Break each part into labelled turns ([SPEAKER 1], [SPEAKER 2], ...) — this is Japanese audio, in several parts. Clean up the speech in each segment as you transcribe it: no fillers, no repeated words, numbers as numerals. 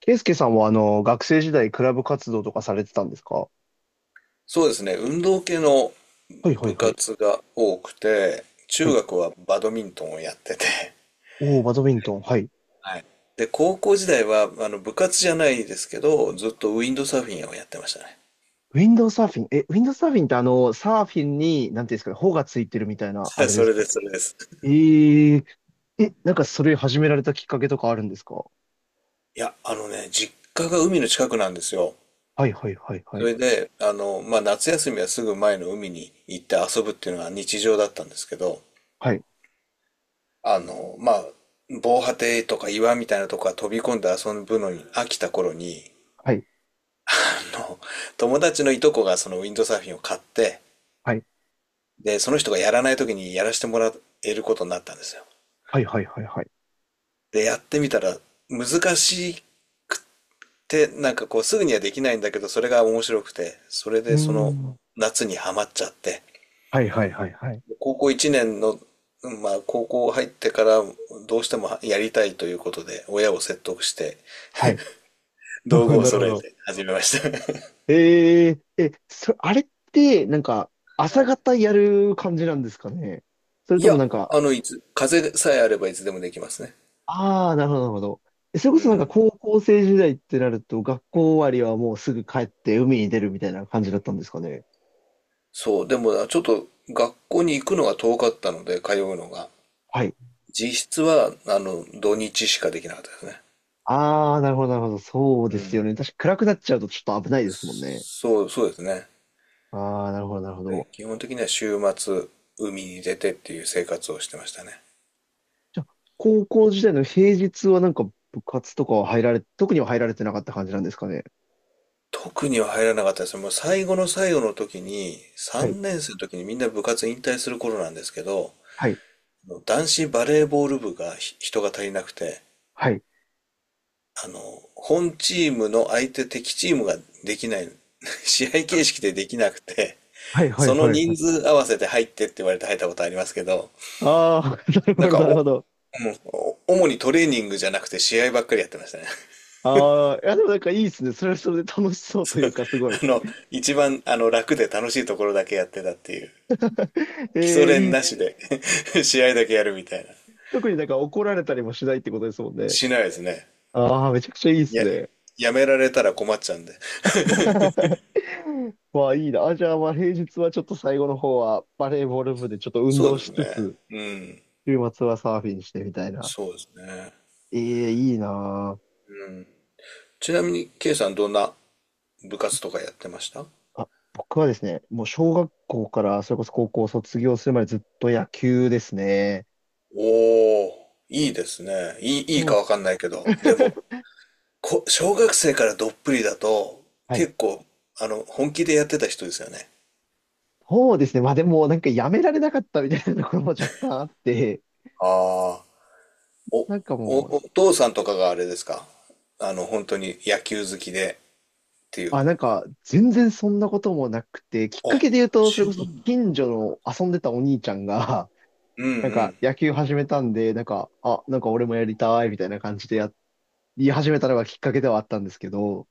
[SPEAKER 1] ケイスケさんは学生時代クラブ活動とかされてたんですか？
[SPEAKER 2] そうですね。運動系の
[SPEAKER 1] はいは
[SPEAKER 2] 部
[SPEAKER 1] いはい。
[SPEAKER 2] 活が多くて、
[SPEAKER 1] は
[SPEAKER 2] 中
[SPEAKER 1] い。
[SPEAKER 2] 学はバドミントンをやってて、
[SPEAKER 1] おー、バドミントン。はい。
[SPEAKER 2] はい。で、高校時代は、部活じゃないですけど、ずっとウィンドサーフィンをやってましたね。
[SPEAKER 1] ウィンドウサーフィン。え、ウィンドウサーフィンってサーフィンに、なんていうんですかね、帆がついてるみたいな、あ れで
[SPEAKER 2] そ
[SPEAKER 1] す
[SPEAKER 2] れ
[SPEAKER 1] か
[SPEAKER 2] で
[SPEAKER 1] ね。
[SPEAKER 2] す、それです。
[SPEAKER 1] えー、なんかそれ始められたきっかけとかあるんですか？
[SPEAKER 2] いや、あのね、実家が海の近くなんですよ。
[SPEAKER 1] はいはいはいは
[SPEAKER 2] そ
[SPEAKER 1] い。
[SPEAKER 2] れで、夏休みはすぐ前の海に行って遊ぶっていうのが日常だったんですけど、
[SPEAKER 1] はい。
[SPEAKER 2] あの、まあ、防波堤とか岩みたいなとこから飛び込んで遊ぶのに飽きた頃に、
[SPEAKER 1] はい。
[SPEAKER 2] あの、友達のいとこがそのウィンドサーフィンを買って、
[SPEAKER 1] はい。
[SPEAKER 2] で、その人がやらない時にやらせてもらえることになったんですよ。
[SPEAKER 1] はいはいはいはい。
[SPEAKER 2] で、やってみたら難しいって、なんかこうすぐにはできないんだけど、それが面白くて、それ
[SPEAKER 1] うー
[SPEAKER 2] でその
[SPEAKER 1] ん。
[SPEAKER 2] 夏にはまっちゃって、
[SPEAKER 1] はいはいはいはい。
[SPEAKER 2] 高校1年の、まあ高校入ってからどうしてもやりたいということで、親を説得して、
[SPEAKER 1] はい。
[SPEAKER 2] 道具 を
[SPEAKER 1] なるほ
[SPEAKER 2] 揃え
[SPEAKER 1] ど。
[SPEAKER 2] て始めました。は
[SPEAKER 1] あれって、なんか、朝
[SPEAKER 2] い、
[SPEAKER 1] 方やる感じなんですかね？それ
[SPEAKER 2] い
[SPEAKER 1] と
[SPEAKER 2] や、
[SPEAKER 1] もなんか、
[SPEAKER 2] 風さえあればいつでもできますね。
[SPEAKER 1] ああ、なるほど、なるほど。えそれこ
[SPEAKER 2] う
[SPEAKER 1] そなんか
[SPEAKER 2] ん。
[SPEAKER 1] 高校生時代ってなると、学校終わりはもうすぐ帰って海に出るみたいな感じだったんですかね。
[SPEAKER 2] そう、でもなちょっと学校に行くのが遠かったので、通うのが。
[SPEAKER 1] はい。
[SPEAKER 2] 実質は、土日しかできなかったですね。
[SPEAKER 1] ああ、なるほど、なるほど。そう
[SPEAKER 2] う
[SPEAKER 1] です
[SPEAKER 2] ん。
[SPEAKER 1] よね。確か暗くなっちゃうとちょっと危ないですもんね。
[SPEAKER 2] そう、そうですね。
[SPEAKER 1] ああ、なるほど、なるほ
[SPEAKER 2] で、
[SPEAKER 1] ど。
[SPEAKER 2] 基本的には週末、海に出てっていう生活をしてましたね。
[SPEAKER 1] じゃあ、高校時代の平日はなんか部活とかは入られ、特には入られてなかった感じなんですかね。
[SPEAKER 2] 特には入らなかったですね。もう最後の最後の時に、
[SPEAKER 1] はい、
[SPEAKER 2] 3年生の時にみんな部活引退する頃なんですけど、
[SPEAKER 1] はい、
[SPEAKER 2] あの男子バレーボール部が人が足りなくて、
[SPEAKER 1] はい、
[SPEAKER 2] あの、本チームの相手敵チームができない、試合形式でできなくて、
[SPEAKER 1] はい、は
[SPEAKER 2] そ
[SPEAKER 1] い、
[SPEAKER 2] の
[SPEAKER 1] はい。は
[SPEAKER 2] 人
[SPEAKER 1] い。
[SPEAKER 2] 数合わせて入ってって言われて入ったことありますけど、
[SPEAKER 1] ああ、な
[SPEAKER 2] なん
[SPEAKER 1] るほど、
[SPEAKER 2] か
[SPEAKER 1] なるほ
[SPEAKER 2] お、
[SPEAKER 1] ど。
[SPEAKER 2] お主にトレーニングじゃなくて試合ばっかりやってましたね。
[SPEAKER 1] ああ、いや、でもなんかいいですね。それはそれで楽しそうというか、すごい。
[SPEAKER 2] あの、一番楽で楽しいところだけやってたっていう。基礎
[SPEAKER 1] えー、いい
[SPEAKER 2] 練
[SPEAKER 1] っす
[SPEAKER 2] なし
[SPEAKER 1] ね。
[SPEAKER 2] で 試合だけやるみたいな。
[SPEAKER 1] 特になんか怒られたりもしないってことですもんね。
[SPEAKER 2] しないですね。
[SPEAKER 1] ああ、めちゃくちゃいいで
[SPEAKER 2] い
[SPEAKER 1] す
[SPEAKER 2] や、
[SPEAKER 1] ね。
[SPEAKER 2] やめられたら困っちゃうんで。
[SPEAKER 1] まあいいな。あ、じゃあまあ平日はちょっと最後の方はバレーボール部でちょっと運
[SPEAKER 2] そう
[SPEAKER 1] 動
[SPEAKER 2] です
[SPEAKER 1] しつ
[SPEAKER 2] ね。
[SPEAKER 1] つ、
[SPEAKER 2] うん。
[SPEAKER 1] 週末はサーフィンしてみたいな。
[SPEAKER 2] そうですね。
[SPEAKER 1] ええ、いいな
[SPEAKER 2] ちなみに、K さんどんな部活とかやってました？
[SPEAKER 1] あ。あ、僕はですね、もう小学校からそれこそ高校を卒業するまでずっと野球ですね。
[SPEAKER 2] おー、いいですね。いい、いい
[SPEAKER 1] そう。
[SPEAKER 2] かわかんないけど。でも、小学生からどっぷりだと、
[SPEAKER 1] はい。
[SPEAKER 2] 結構、本気でやってた人ですよね。
[SPEAKER 1] そうですね。まあでもなんかやめられなかったみたいなところも若干あって、
[SPEAKER 2] ああ、お、
[SPEAKER 1] なんかもう、
[SPEAKER 2] お父さんとかがあれですか？あの、本当に野球好きでっていう。
[SPEAKER 1] あ、なんか、全然そんなこともなくて、きっ
[SPEAKER 2] あ、
[SPEAKER 1] かけで言うと、それ
[SPEAKER 2] 違
[SPEAKER 1] こそ
[SPEAKER 2] う。
[SPEAKER 1] 近所の遊んでたお兄ちゃんが、
[SPEAKER 2] うんう
[SPEAKER 1] なんか
[SPEAKER 2] ん。
[SPEAKER 1] 野球始めたんで、なんか、あ、なんか俺もやりたいみたいな感じでや、言い始めたのがきっかけではあったんですけど、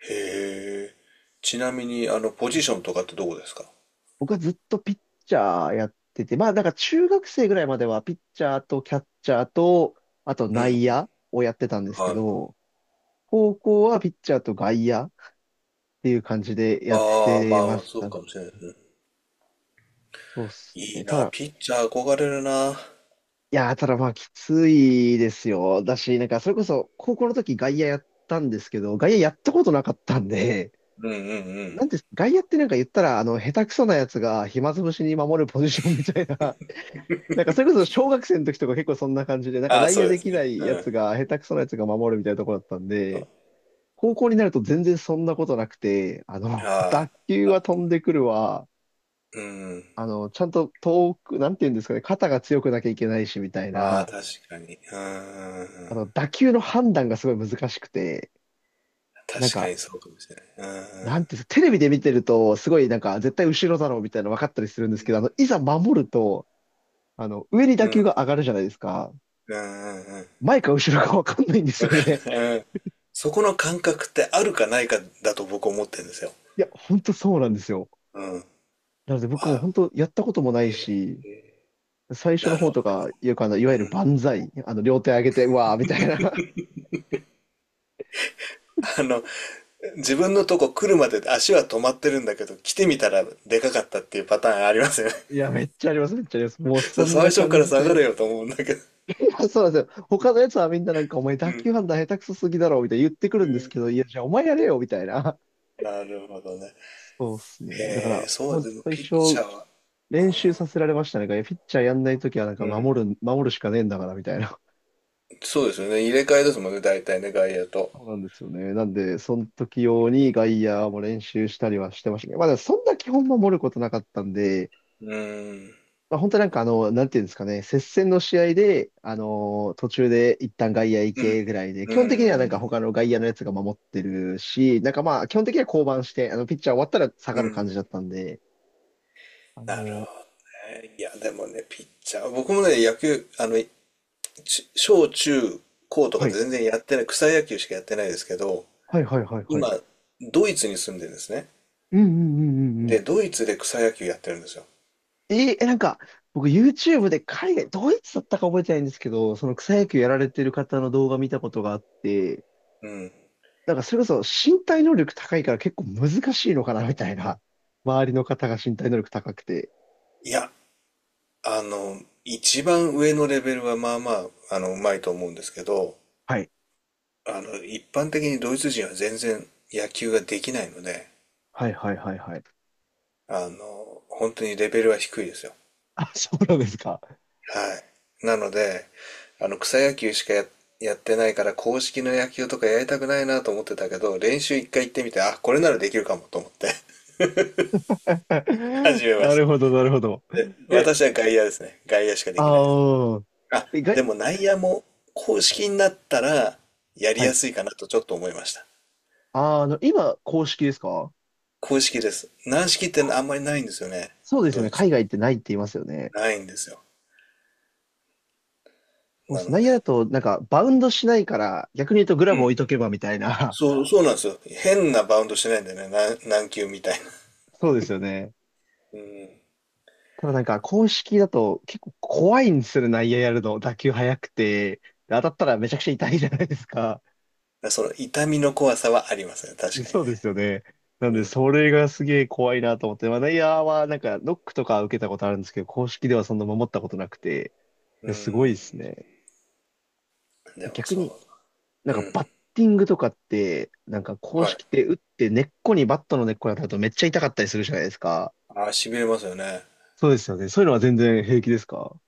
[SPEAKER 2] へえ。ちなみに、あの、ポジションとかってどこですか？
[SPEAKER 1] 僕はずっとピッチャーやってて、まあなんか中学生ぐらいまではピッチャーとキャッチャーと、あと
[SPEAKER 2] う
[SPEAKER 1] 内
[SPEAKER 2] ん、
[SPEAKER 1] 野をやってたんですけ
[SPEAKER 2] はい。
[SPEAKER 1] ど、高校はピッチャーと外野っていう感じでやっ
[SPEAKER 2] ああ、
[SPEAKER 1] てま
[SPEAKER 2] まあ、
[SPEAKER 1] し
[SPEAKER 2] そう
[SPEAKER 1] たね。
[SPEAKER 2] かもしれないですね。
[SPEAKER 1] そうっす
[SPEAKER 2] い
[SPEAKER 1] ね。
[SPEAKER 2] い
[SPEAKER 1] た
[SPEAKER 2] な、
[SPEAKER 1] だ、
[SPEAKER 2] ピッチャー憧れるな。
[SPEAKER 1] いやー、ただまあ、きついですよ。だし、なんか、それこそ、高校の時外野やったんですけど、外野やったことなかったんで、
[SPEAKER 2] うんうんう ん。
[SPEAKER 1] なんて、外野ってなんか言ったら、下手くそなやつが暇つぶしに守るポジションみたいな、なんか、それこそ小学生の時とか結構そんな感じで、なんか
[SPEAKER 2] ああ、
[SPEAKER 1] 内
[SPEAKER 2] そ
[SPEAKER 1] 野
[SPEAKER 2] うで
[SPEAKER 1] で
[SPEAKER 2] す
[SPEAKER 1] きな
[SPEAKER 2] ね。
[SPEAKER 1] いや
[SPEAKER 2] う
[SPEAKER 1] つ
[SPEAKER 2] ん。
[SPEAKER 1] が、下手くそなやつが守るみたいなところだったん
[SPEAKER 2] そ
[SPEAKER 1] で、
[SPEAKER 2] う。
[SPEAKER 1] 高校になると全然そんなことなくて、
[SPEAKER 2] あ
[SPEAKER 1] 打
[SPEAKER 2] あ、
[SPEAKER 1] 球は飛んでくるわ、
[SPEAKER 2] うん。
[SPEAKER 1] ちゃんと遠く、なんて言うんですかね、肩が強くなきゃいけないし、みたい
[SPEAKER 2] ああ、
[SPEAKER 1] な。
[SPEAKER 2] 確かに。うんうんうん、
[SPEAKER 1] 打球の判断がすごい難しくて、なん
[SPEAKER 2] 確か
[SPEAKER 1] か、
[SPEAKER 2] にそうかもしれない。
[SPEAKER 1] なんていうんですか、テレビで見てると、すごいなんか、絶対後ろだろうみたいなの分かったりするんですけど、いざ守ると、上に
[SPEAKER 2] う
[SPEAKER 1] 打
[SPEAKER 2] んう
[SPEAKER 1] 球
[SPEAKER 2] ん。
[SPEAKER 1] が上がるじゃないですか。
[SPEAKER 2] うんうんうんうん。
[SPEAKER 1] 前か後ろか分かんないんです
[SPEAKER 2] わか
[SPEAKER 1] よ
[SPEAKER 2] んな
[SPEAKER 1] ね。
[SPEAKER 2] い。うん。そこの感覚ってあるかないかだと僕思ってるんですよ。
[SPEAKER 1] いや、ほんとそうなんですよ。
[SPEAKER 2] うん。
[SPEAKER 1] なので僕も
[SPEAKER 2] あ、
[SPEAKER 1] 本当やったこともないし、最初の
[SPEAKER 2] なる
[SPEAKER 1] 方
[SPEAKER 2] ほ
[SPEAKER 1] と
[SPEAKER 2] ど
[SPEAKER 1] か、
[SPEAKER 2] ね。
[SPEAKER 1] よくいわゆる万歳、両手上げて、うわーみたいな。
[SPEAKER 2] あの、自分のとこ来るまで足は止まってるんだけど、来てみたらでかかったっていうパターンありますよね。
[SPEAKER 1] いや、めっちゃあります、めっちゃあります。もう
[SPEAKER 2] そ
[SPEAKER 1] そ
[SPEAKER 2] う、
[SPEAKER 1] ん
[SPEAKER 2] 最
[SPEAKER 1] な
[SPEAKER 2] 初か
[SPEAKER 1] 感
[SPEAKER 2] ら
[SPEAKER 1] じ
[SPEAKER 2] 下が
[SPEAKER 1] で。
[SPEAKER 2] れよと思うんだけど。
[SPEAKER 1] あそうなんですよ。他のやつはみんななんか、お前
[SPEAKER 2] う
[SPEAKER 1] 打
[SPEAKER 2] ん。
[SPEAKER 1] 球判断下手くそすぎだろ、みたいな言ってくる
[SPEAKER 2] う
[SPEAKER 1] んです
[SPEAKER 2] ん、
[SPEAKER 1] けど、いや、じゃあお前やれよ、みたいな。
[SPEAKER 2] なるほどね。
[SPEAKER 1] そうっすね。だか
[SPEAKER 2] へえ、
[SPEAKER 1] ら、
[SPEAKER 2] そ
[SPEAKER 1] ほ
[SPEAKER 2] う、
[SPEAKER 1] ん
[SPEAKER 2] でも
[SPEAKER 1] と一
[SPEAKER 2] ピッチ
[SPEAKER 1] 生
[SPEAKER 2] ャーは。
[SPEAKER 1] 練習させられましたね。いやピッチャーやんないときはなん
[SPEAKER 2] う
[SPEAKER 1] か
[SPEAKER 2] ん。
[SPEAKER 1] 守るしかねえんだから、みたいな。
[SPEAKER 2] そうですよね。入れ替えですもんね、大体ね、外野と。
[SPEAKER 1] そうなんですよね。なんで、その時用に外野も練習したりはしてましたね。まあ、でもそんな基本守ることなかったんで、
[SPEAKER 2] うーん。
[SPEAKER 1] まあ、本当になんかなんていうんですかね、接戦の試合で、あのー途中で一旦外野行
[SPEAKER 2] うん。
[SPEAKER 1] けぐらいで、基
[SPEAKER 2] う
[SPEAKER 1] 本的にはなんか
[SPEAKER 2] ん。
[SPEAKER 1] 他の外野のやつが守ってるし、なんかまあ、基本的には降板して、ピッチャー終わったら下
[SPEAKER 2] う
[SPEAKER 1] がる
[SPEAKER 2] ん。
[SPEAKER 1] 感じだったんで、あ
[SPEAKER 2] なる
[SPEAKER 1] の
[SPEAKER 2] ほどね。いや、でもね、ピッチャー。僕もね、野球、あの、小中高と
[SPEAKER 1] ー
[SPEAKER 2] か
[SPEAKER 1] は
[SPEAKER 2] で
[SPEAKER 1] い。
[SPEAKER 2] 全然やってない、草野球しかやってないですけど、
[SPEAKER 1] はいはいはいはい。
[SPEAKER 2] 今、ドイツに住んでるんですね。
[SPEAKER 1] うんうんうんうんう
[SPEAKER 2] で、
[SPEAKER 1] ん。
[SPEAKER 2] ドイツで草野球やってるんですよ。
[SPEAKER 1] えーえ、なんか、僕 YouTube で海外、ドイツだったか覚えてないんですけど、その草野球やられてる方の動画見たことがあって、
[SPEAKER 2] うん。
[SPEAKER 1] なんかそれこそ身体能力高いから結構難しいのかなみたいな。周りの方が身体能力高くて。
[SPEAKER 2] いや、一番上のレベルはまあまあ、うまいと思うんですけど、
[SPEAKER 1] はい。
[SPEAKER 2] 一般的にドイツ人は全然野球ができないので、
[SPEAKER 1] はいはいはいはい。
[SPEAKER 2] 本当にレベルは低いですよ。
[SPEAKER 1] あ、そうなんですか。
[SPEAKER 2] はい。なので、あの、草野球しかや、やってないから、公式の野球とかやりたくないなと思ってたけど、練習一回行ってみて、あ、これならできるかもと思って 始めま
[SPEAKER 1] な
[SPEAKER 2] し
[SPEAKER 1] るほど、なるほど。
[SPEAKER 2] た。で、
[SPEAKER 1] え、
[SPEAKER 2] 私は外野ですね。外野しかできないです。
[SPEAKER 1] ああ、
[SPEAKER 2] あ、
[SPEAKER 1] え、が、
[SPEAKER 2] でも内野も公式になったら、やり
[SPEAKER 1] は
[SPEAKER 2] や
[SPEAKER 1] い。
[SPEAKER 2] すいかなとちょっと思いました。
[SPEAKER 1] あー、今、公式ですか？
[SPEAKER 2] 公式です。軟式ってあんまりないんですよね。
[SPEAKER 1] そうですよ
[SPEAKER 2] ド
[SPEAKER 1] ね。
[SPEAKER 2] イツ。
[SPEAKER 1] 海外ってないって言いますよね。
[SPEAKER 2] ないんですよ。
[SPEAKER 1] もう
[SPEAKER 2] なの
[SPEAKER 1] 内野だ
[SPEAKER 2] で。
[SPEAKER 1] と、なんか、バウンドしないから、逆に言うとグラ
[SPEAKER 2] う
[SPEAKER 1] ブ置
[SPEAKER 2] ん。
[SPEAKER 1] いとけばみたいな。
[SPEAKER 2] そう、そうなんですよ。変なバウンドしないんだよね。軟軟球みたいな。
[SPEAKER 1] そうですよね。
[SPEAKER 2] うん。
[SPEAKER 1] ただなんか、公式だと結構怖いんですよね、内野やるの。打球速くて。で当たったらめちゃくちゃ痛いじゃないですか。
[SPEAKER 2] その痛みの怖さはありますね。確かに
[SPEAKER 1] そうです
[SPEAKER 2] ね。
[SPEAKER 1] よね。なんで、それがすげえ怖いなと思って、まあ、内野はなんかノックとか受けたことあるんですけど、公式ではそんな守ったことなくて、
[SPEAKER 2] う
[SPEAKER 1] い
[SPEAKER 2] ん。う
[SPEAKER 1] やすごいで
[SPEAKER 2] ん。
[SPEAKER 1] すね。
[SPEAKER 2] でも
[SPEAKER 1] 逆
[SPEAKER 2] そ
[SPEAKER 1] にな
[SPEAKER 2] う。
[SPEAKER 1] んか
[SPEAKER 2] うん。
[SPEAKER 1] バッティングとかって、なんか公
[SPEAKER 2] はい。
[SPEAKER 1] 式って打って根っこにバットの根っこに当たるとめっちゃ痛かったりするじゃないですか。
[SPEAKER 2] ああ、痺れますよね。
[SPEAKER 1] そうですよね。そういうのは全然平気ですか？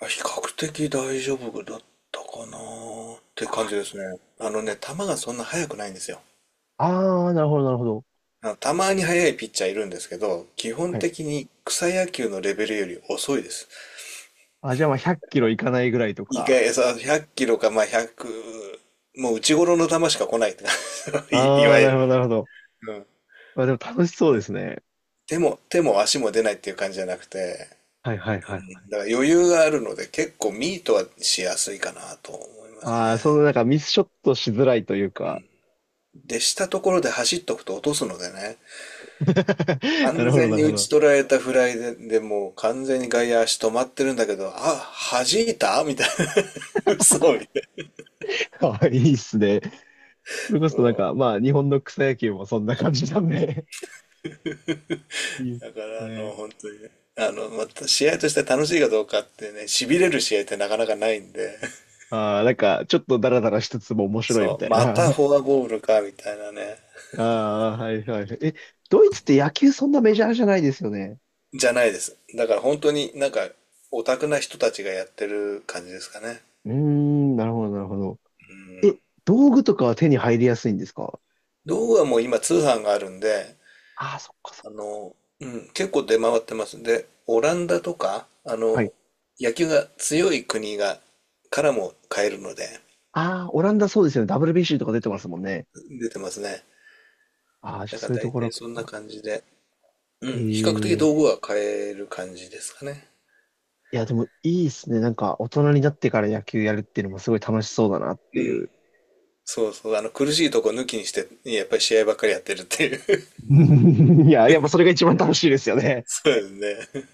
[SPEAKER 2] あ、比較的大丈夫だったかなーって感
[SPEAKER 1] あ、
[SPEAKER 2] じですね。
[SPEAKER 1] い
[SPEAKER 2] あの
[SPEAKER 1] や、
[SPEAKER 2] ね、球がそんな速くないんですよ。
[SPEAKER 1] あー、なるほど、なるほど。
[SPEAKER 2] あのたまに速いピッチャーいるんですけど、基
[SPEAKER 1] は
[SPEAKER 2] 本
[SPEAKER 1] い。
[SPEAKER 2] 的に草野球のレベルより遅いです。
[SPEAKER 1] あ、じゃあまあ100キロいかないぐらいと
[SPEAKER 2] 意
[SPEAKER 1] か。
[SPEAKER 2] 外、さ、100キロか、まあ、100、もう内頃の球しか来ないって感じ い
[SPEAKER 1] あ
[SPEAKER 2] わ
[SPEAKER 1] あ、
[SPEAKER 2] ゆ
[SPEAKER 1] な
[SPEAKER 2] る。
[SPEAKER 1] るほど、なるほど。
[SPEAKER 2] うん。
[SPEAKER 1] まあでも楽しそうですね。
[SPEAKER 2] 手も、手も足も出ないっていう感じじゃなくて、
[SPEAKER 1] はいはいはい。
[SPEAKER 2] だから余裕があるので結構ミートはしやすいかなと思いますね。
[SPEAKER 1] ああ、そのなんかミスショットしづらいというか。
[SPEAKER 2] で、したところで走っとくと落とすのでね、
[SPEAKER 1] な
[SPEAKER 2] 完
[SPEAKER 1] るほど、
[SPEAKER 2] 全
[SPEAKER 1] な
[SPEAKER 2] に
[SPEAKER 1] るほ
[SPEAKER 2] 打ち
[SPEAKER 1] ど。
[SPEAKER 2] 取られたフライで、でもう完全に外野足止まってるんだけど、あ、弾いたみたいな。嘘みたい
[SPEAKER 1] あいいっすね。それこそなんか、まあ、日本の草野球もそんな感じなんで。いいっ
[SPEAKER 2] な。だか
[SPEAKER 1] す
[SPEAKER 2] らあの、
[SPEAKER 1] ね。
[SPEAKER 2] 本当にね。また試合として楽しいかどうかってね、痺れる試合ってなかなかないんで、
[SPEAKER 1] ああ、なんか、ちょっとダラダラしつつも面白い
[SPEAKER 2] そ
[SPEAKER 1] み
[SPEAKER 2] う、
[SPEAKER 1] たい
[SPEAKER 2] また
[SPEAKER 1] な。
[SPEAKER 2] フォアボールか、みたいなね、
[SPEAKER 1] ああ、はいはい。え、ドイツって野球そんなメジャーじゃないですよね。
[SPEAKER 2] じゃないです。だから本当になんか、オタクな人たちがやってる感じですかね。
[SPEAKER 1] うーん、なるほど、なるほど。え、道具とかは手に入りやすいんですか？
[SPEAKER 2] 道具はもう今通販があるんで、
[SPEAKER 1] ああ、そっかそっ
[SPEAKER 2] 結構出回ってます。で、オランダとか、あ
[SPEAKER 1] か。
[SPEAKER 2] の、
[SPEAKER 1] はい。
[SPEAKER 2] 野球が強い国が、からも買えるので、
[SPEAKER 1] ああ、オランダそうですよね。WBC とか出てますもんね。
[SPEAKER 2] 出てますね。
[SPEAKER 1] ああ、じゃあ
[SPEAKER 2] だか
[SPEAKER 1] そ
[SPEAKER 2] ら
[SPEAKER 1] ういうと
[SPEAKER 2] 大
[SPEAKER 1] ころ
[SPEAKER 2] 体
[SPEAKER 1] か
[SPEAKER 2] そんな
[SPEAKER 1] な。
[SPEAKER 2] 感じで、うん、比較的
[SPEAKER 1] え
[SPEAKER 2] 道
[SPEAKER 1] え、
[SPEAKER 2] 具は買える感じですかね。
[SPEAKER 1] いや、でもいいっすね。なんか、大人になってから野球やるっていうのもすごい楽しそうだなって
[SPEAKER 2] う
[SPEAKER 1] い
[SPEAKER 2] ん。
[SPEAKER 1] う。
[SPEAKER 2] そうそう、苦しいとこ抜きにして、やっぱり試合ばっかりやってるっていう
[SPEAKER 1] いや、やっぱそれが一番楽しいですよね。
[SPEAKER 2] そうですね。